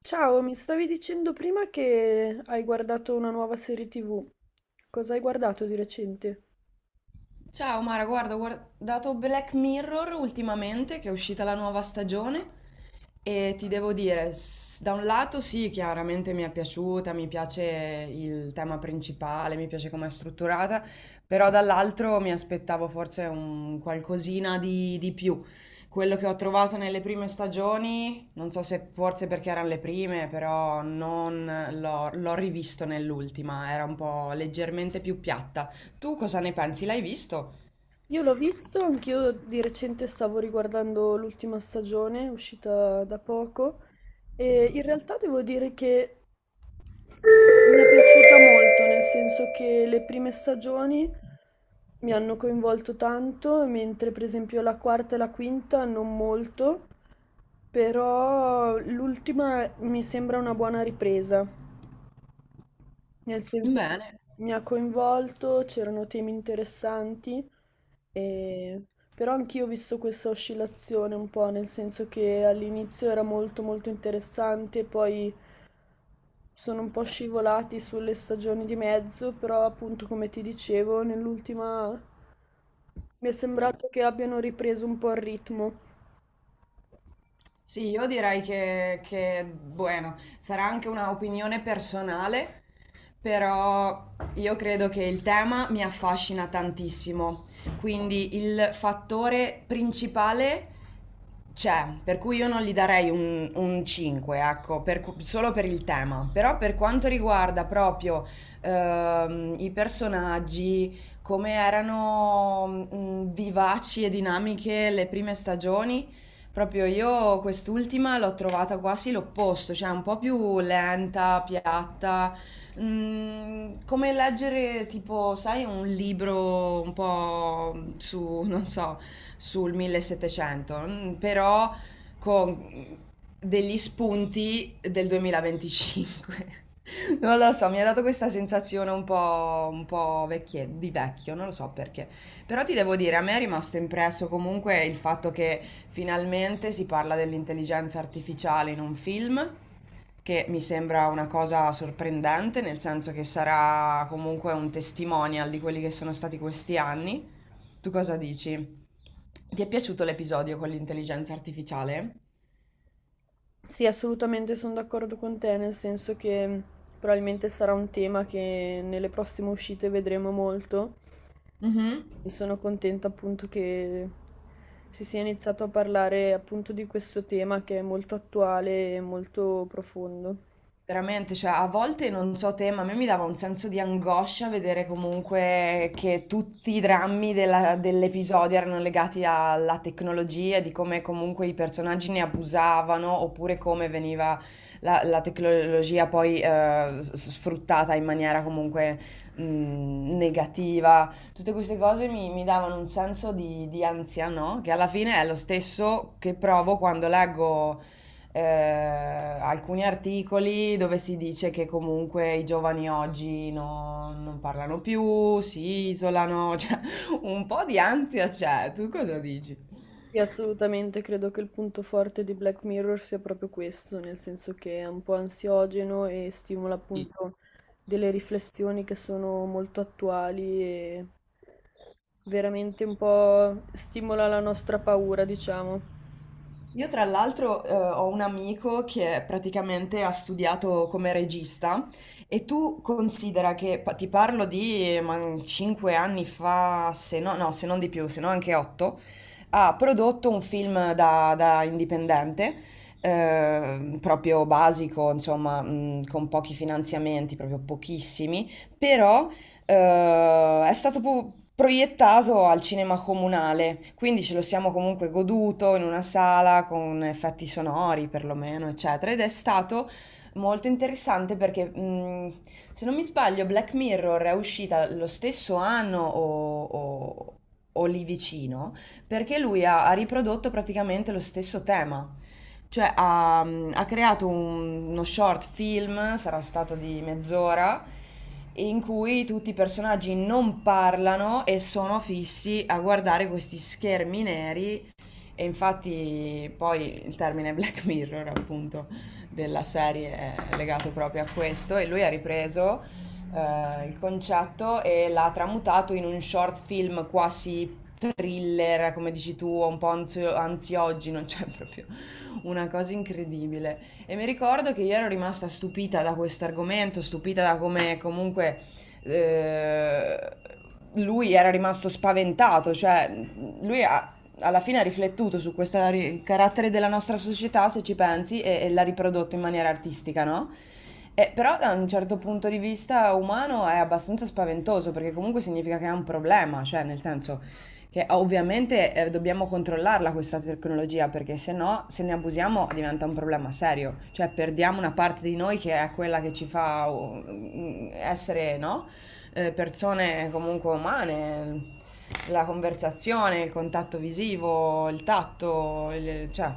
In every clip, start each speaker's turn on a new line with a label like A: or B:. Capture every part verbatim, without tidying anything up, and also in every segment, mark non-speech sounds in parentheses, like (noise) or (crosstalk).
A: Ciao, mi stavi dicendo prima che hai guardato una nuova serie tivù. Cosa hai guardato di recente?
B: Ciao Mara, guarda, ho guardato Black Mirror ultimamente, che è uscita la nuova stagione, e ti devo dire, s- da un lato sì, chiaramente mi è piaciuta, mi piace il tema principale, mi piace come è strutturata, però dall'altro mi aspettavo forse un qualcosina di, di più. Quello che ho trovato nelle prime stagioni, non so se forse perché erano le prime, però non l'ho l'ho rivisto nell'ultima, era un po' leggermente più piatta. Tu cosa ne pensi? L'hai visto?
A: Io l'ho visto, anch'io di recente stavo riguardando l'ultima stagione, uscita da poco, e in realtà devo dire che mi è piaciuta molto, nel senso che le prime stagioni mi hanno coinvolto tanto, mentre per esempio la quarta e la quinta non molto, però l'ultima mi sembra una buona ripresa. Nel senso
B: Bene.
A: che mi ha coinvolto, c'erano temi interessanti, e- però anch'io ho visto questa oscillazione un po', nel senso che all'inizio era molto molto interessante, poi sono un po' scivolati sulle stagioni di mezzo, però appunto come ti dicevo, nell'ultima mi è sembrato che abbiano ripreso un po' il ritmo.
B: Sì, io direi che, che, bueno, sarà anche una opinione personale, però io credo che il tema mi affascina tantissimo. Quindi il fattore principale c'è, per cui io non gli darei un, un cinque, ecco, per cu- solo per il tema. Però per quanto riguarda proprio ehm, i personaggi, come erano mm, vivaci e dinamiche le prime stagioni, proprio io quest'ultima l'ho trovata quasi l'opposto, cioè un po' più lenta, piatta, mm, come leggere tipo, sai, un libro un po' su, non so, sul millesettecento, mm, però con degli spunti del duemilaventicinque. (laughs) Non lo so, mi ha dato questa sensazione un po', un po' vecchie- di vecchio, non lo so perché. Però ti devo dire, a me è rimasto impresso comunque il fatto che finalmente si parla dell'intelligenza artificiale in un film, che mi sembra una cosa sorprendente, nel senso che sarà comunque un testimonial di quelli che sono stati questi anni. Tu cosa dici? Ti è piaciuto l'episodio con l'intelligenza artificiale?
A: Sì, assolutamente sono d'accordo con te, nel senso che mh, probabilmente sarà un tema che nelle prossime uscite vedremo molto.
B: Mhm.
A: E sono contenta appunto che si sia iniziato a parlare appunto di questo tema che è molto attuale e molto profondo.
B: Veramente, cioè a volte non so te, ma a me mi dava un senso di angoscia vedere comunque che tutti i drammi della- dell'episodio erano legati alla tecnologia, di come comunque i personaggi ne abusavano oppure come veniva la, la tecnologia poi eh, s- sfruttata in maniera comunque mh, negativa. Tutte queste cose mi, mi davano un senso di, di ansia, no? Che alla fine è lo stesso che provo quando leggo eh, alcuni articoli dove si dice che comunque i giovani oggi no- non parlano più, si isolano, (laughs) cioè un po' di ansia c'è, tu cosa dici?
A: Sì, assolutamente credo che il punto forte di Black Mirror sia proprio questo, nel senso che è un po' ansiogeno e stimola appunto delle riflessioni che sono molto attuali e veramente un po' stimola la nostra paura, diciamo.
B: Io tra l'altro eh, ho un amico che praticamente ha studiato come regista e tu considera che, pa- ti parlo di cinque anni fa, se no, no, se non di più, se no anche otto, ha prodotto un film da, da indipendente, eh, proprio basico, insomma, mh, con pochi finanziamenti, proprio pochissimi, però eh, è stato pu- proiettato al cinema comunale, quindi ce lo siamo comunque goduto in una sala con effetti sonori perlomeno, eccetera, ed è stato molto interessante perché mh, se non mi sbaglio Black Mirror è uscita lo stesso anno o, o- o lì vicino perché lui ha, ha riprodotto praticamente lo stesso tema. Cioè ha, ha creato un- uno short film, sarà stato di mezz'ora, in cui tutti i personaggi non parlano e sono fissi a guardare questi schermi neri e infatti poi il termine (laughs) Black Mirror, appunto, della serie è legato proprio a questo e lui ha ripreso eh, il concetto e l'ha tramutato in un short film quasi thriller, come dici tu, un po' anzio- ansiogeno, (laughs) cioè proprio una cosa incredibile. E mi ricordo che io ero rimasta stupita da questo argomento, stupita da come comunque eh, lui era rimasto spaventato, cioè lui ha, alla fine ha riflettuto su questo ri- carattere della nostra società, se ci pensi, e, e l'ha riprodotto in maniera artistica, no? E però da un certo punto di vista umano è abbastanza spaventoso, perché comunque significa che è un problema, cioè nel senso che ovviamente eh, dobbiamo controllarla questa tecnologia, perché se no, se ne abusiamo diventa un problema serio, cioè perdiamo una parte di noi che è quella che ci fa uh, essere, no? eh, persone comunque umane, la conversazione, il contatto visivo, il tatto, il- cioè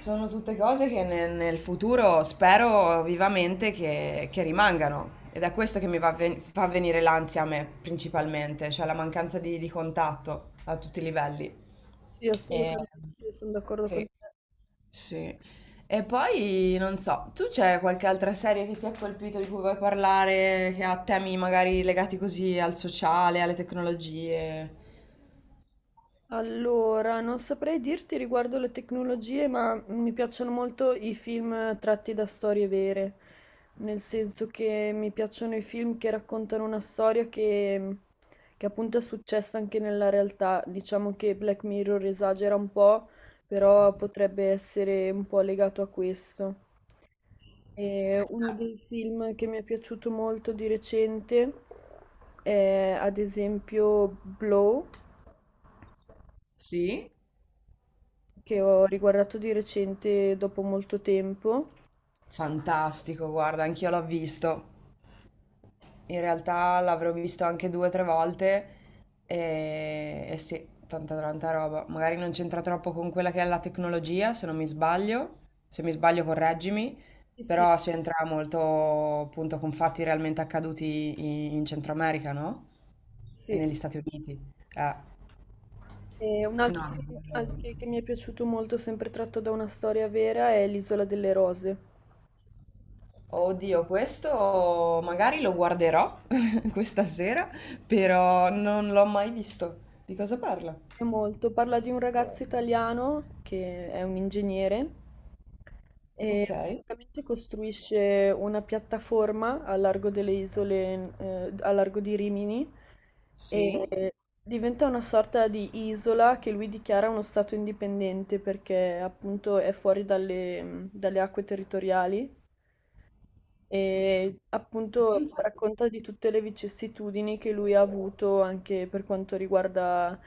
B: sono tutte cose che ne- nel futuro spero vivamente che, che rimangano. Ed è questo che mi va ven- fa venire l'ansia a me principalmente, cioè la mancanza di, di contatto a tutti i livelli.
A: Sì,
B: E-
A: assolutamente, sono d'accordo con
B: sì.
A: te.
B: Sì. E poi non so, tu c'è qualche altra serie che ti ha colpito di cui vuoi parlare, che ha temi magari legati così al sociale, alle tecnologie?
A: Allora, non saprei dirti riguardo le tecnologie, ma mi piacciono molto i film tratti da storie vere, nel senso che mi piacciono i film che raccontano una storia che, che appunto è successa anche nella realtà. Diciamo che Black Mirror esagera un po', però potrebbe essere un po' legato a questo. E uno dei film che mi è piaciuto molto di recente è ad esempio Blow,
B: Sì?
A: che ho riguardato di recente dopo molto tempo.
B: Fantastico, guarda, anch'io l'ho visto. In realtà l'avrò visto anche due o tre volte e, e sì, tanta tanta roba. Magari non c'entra troppo con quella che è la tecnologia, se non mi sbaglio, se mi sbaglio correggimi,
A: Sì, sì,
B: però c'entra molto appunto con fatti realmente accaduti in, in Centro America, no? E
A: sì.
B: negli Stati Uniti. Eh,
A: E un
B: sì, no,
A: altro
B: anche
A: film
B: quello...
A: anche che mi è piaciuto molto, sempre tratto da una storia vera, è L'Isola delle Rose.
B: Oddio, questo magari lo guarderò (laughs) questa sera, però non l'ho mai visto. Di cosa parla?
A: Molto. Parla di un ragazzo italiano che è un ingegnere e
B: Ok.
A: praticamente costruisce una piattaforma a largo delle isole, eh, a largo di Rimini,
B: Sì.
A: e diventa una sorta di isola che lui dichiara uno stato indipendente perché appunto è fuori dalle dalle acque territoriali. E appunto
B: Pensa- te.
A: racconta di tutte le vicissitudini che lui ha avuto anche per quanto riguarda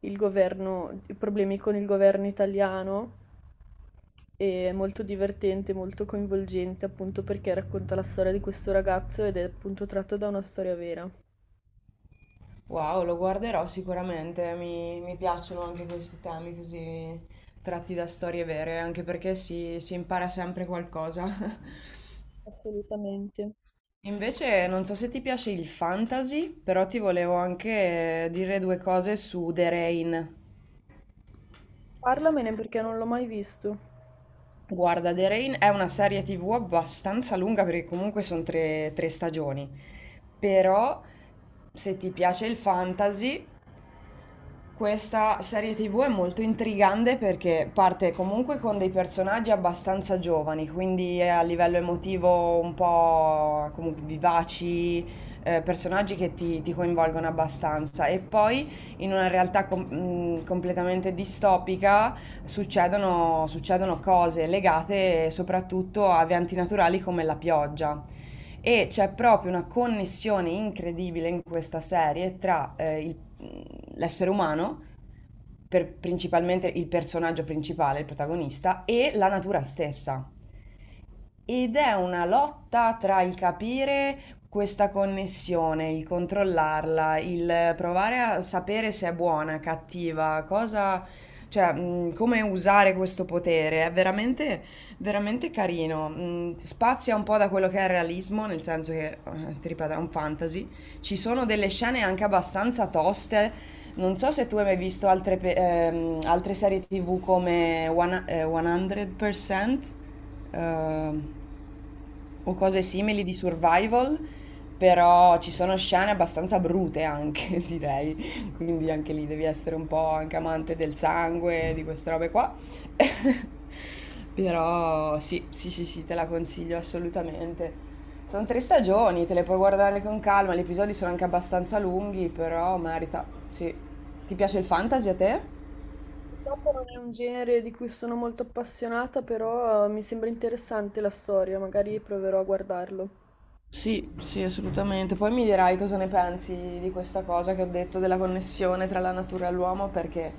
A: il governo, i problemi con il governo italiano. E È molto divertente, molto coinvolgente, appunto perché racconta la storia di questo ragazzo ed è appunto tratto da una storia vera.
B: Wow, lo guarderò sicuramente, mi, mi piacciono anche questi temi così tratti da storie vere, anche perché si, si impara sempre qualcosa. (laughs)
A: Assolutamente.
B: Invece non so se ti piace il fantasy, però ti volevo anche dire due cose su The Rain.
A: Parlamene perché non l'ho mai visto.
B: Guarda, The Rain è una serie tivù abbastanza lunga perché comunque sono tre, tre stagioni, però se ti piace il fantasy... Questa serie tivù è molto intrigante perché parte comunque con dei personaggi abbastanza giovani, quindi è a livello emotivo un po' comunque vivaci, eh, personaggi che ti, ti coinvolgono abbastanza. E poi in una realtà com- mh, completamente distopica succedono, succedono cose legate soprattutto a eventi naturali come la pioggia. E c'è proprio una connessione incredibile in questa serie tra eh, il- mm, l'essere umano per- principalmente il personaggio principale, il protagonista, e la natura stessa. Ed è una lotta tra il capire questa connessione, il controllarla, il provare a sapere se è buona, cattiva, cosa, cioè, mh, come usare questo potere. È veramente, veramente carino. Mh, spazia un po' da quello che è il realismo, nel senso che, eh, ti ripeto, è un fantasy. Ci sono delle scene anche abbastanza toste. Non so se tu hai mai visto altre, pe- ehm, altre serie ti vu come One- eh, cento percento. ehm, o cose simili di survival, però ci sono scene abbastanza brute anche, (laughs) direi. Quindi anche lì devi essere un po' anche amante del sangue, di queste robe qua. (laughs) Però sì, sì, sì, sì, te la consiglio assolutamente. Sono tre stagioni, te le puoi guardare con calma, gli episodi sono anche abbastanza lunghi, però merita. Sì. Ti piace il fantasy a te?
A: Purtroppo non è un genere di cui sono molto appassionata, però eh, mi sembra interessante la storia, magari proverò a guardarlo.
B: Sì, sì, assolutamente. Poi mi dirai cosa ne pensi di questa cosa che ho detto della connessione tra la natura e l'uomo, perché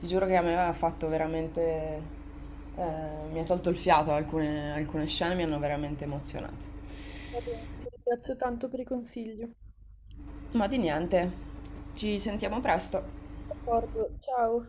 B: ti giuro che a me ha fatto veramente... eh, mi ha tolto il fiato, alcune, alcune scene mi hanno veramente emozionato.
A: Va bene, ti ringrazio tanto per i consigli.
B: Ma di niente, ci sentiamo presto.
A: D'accordo, ciao.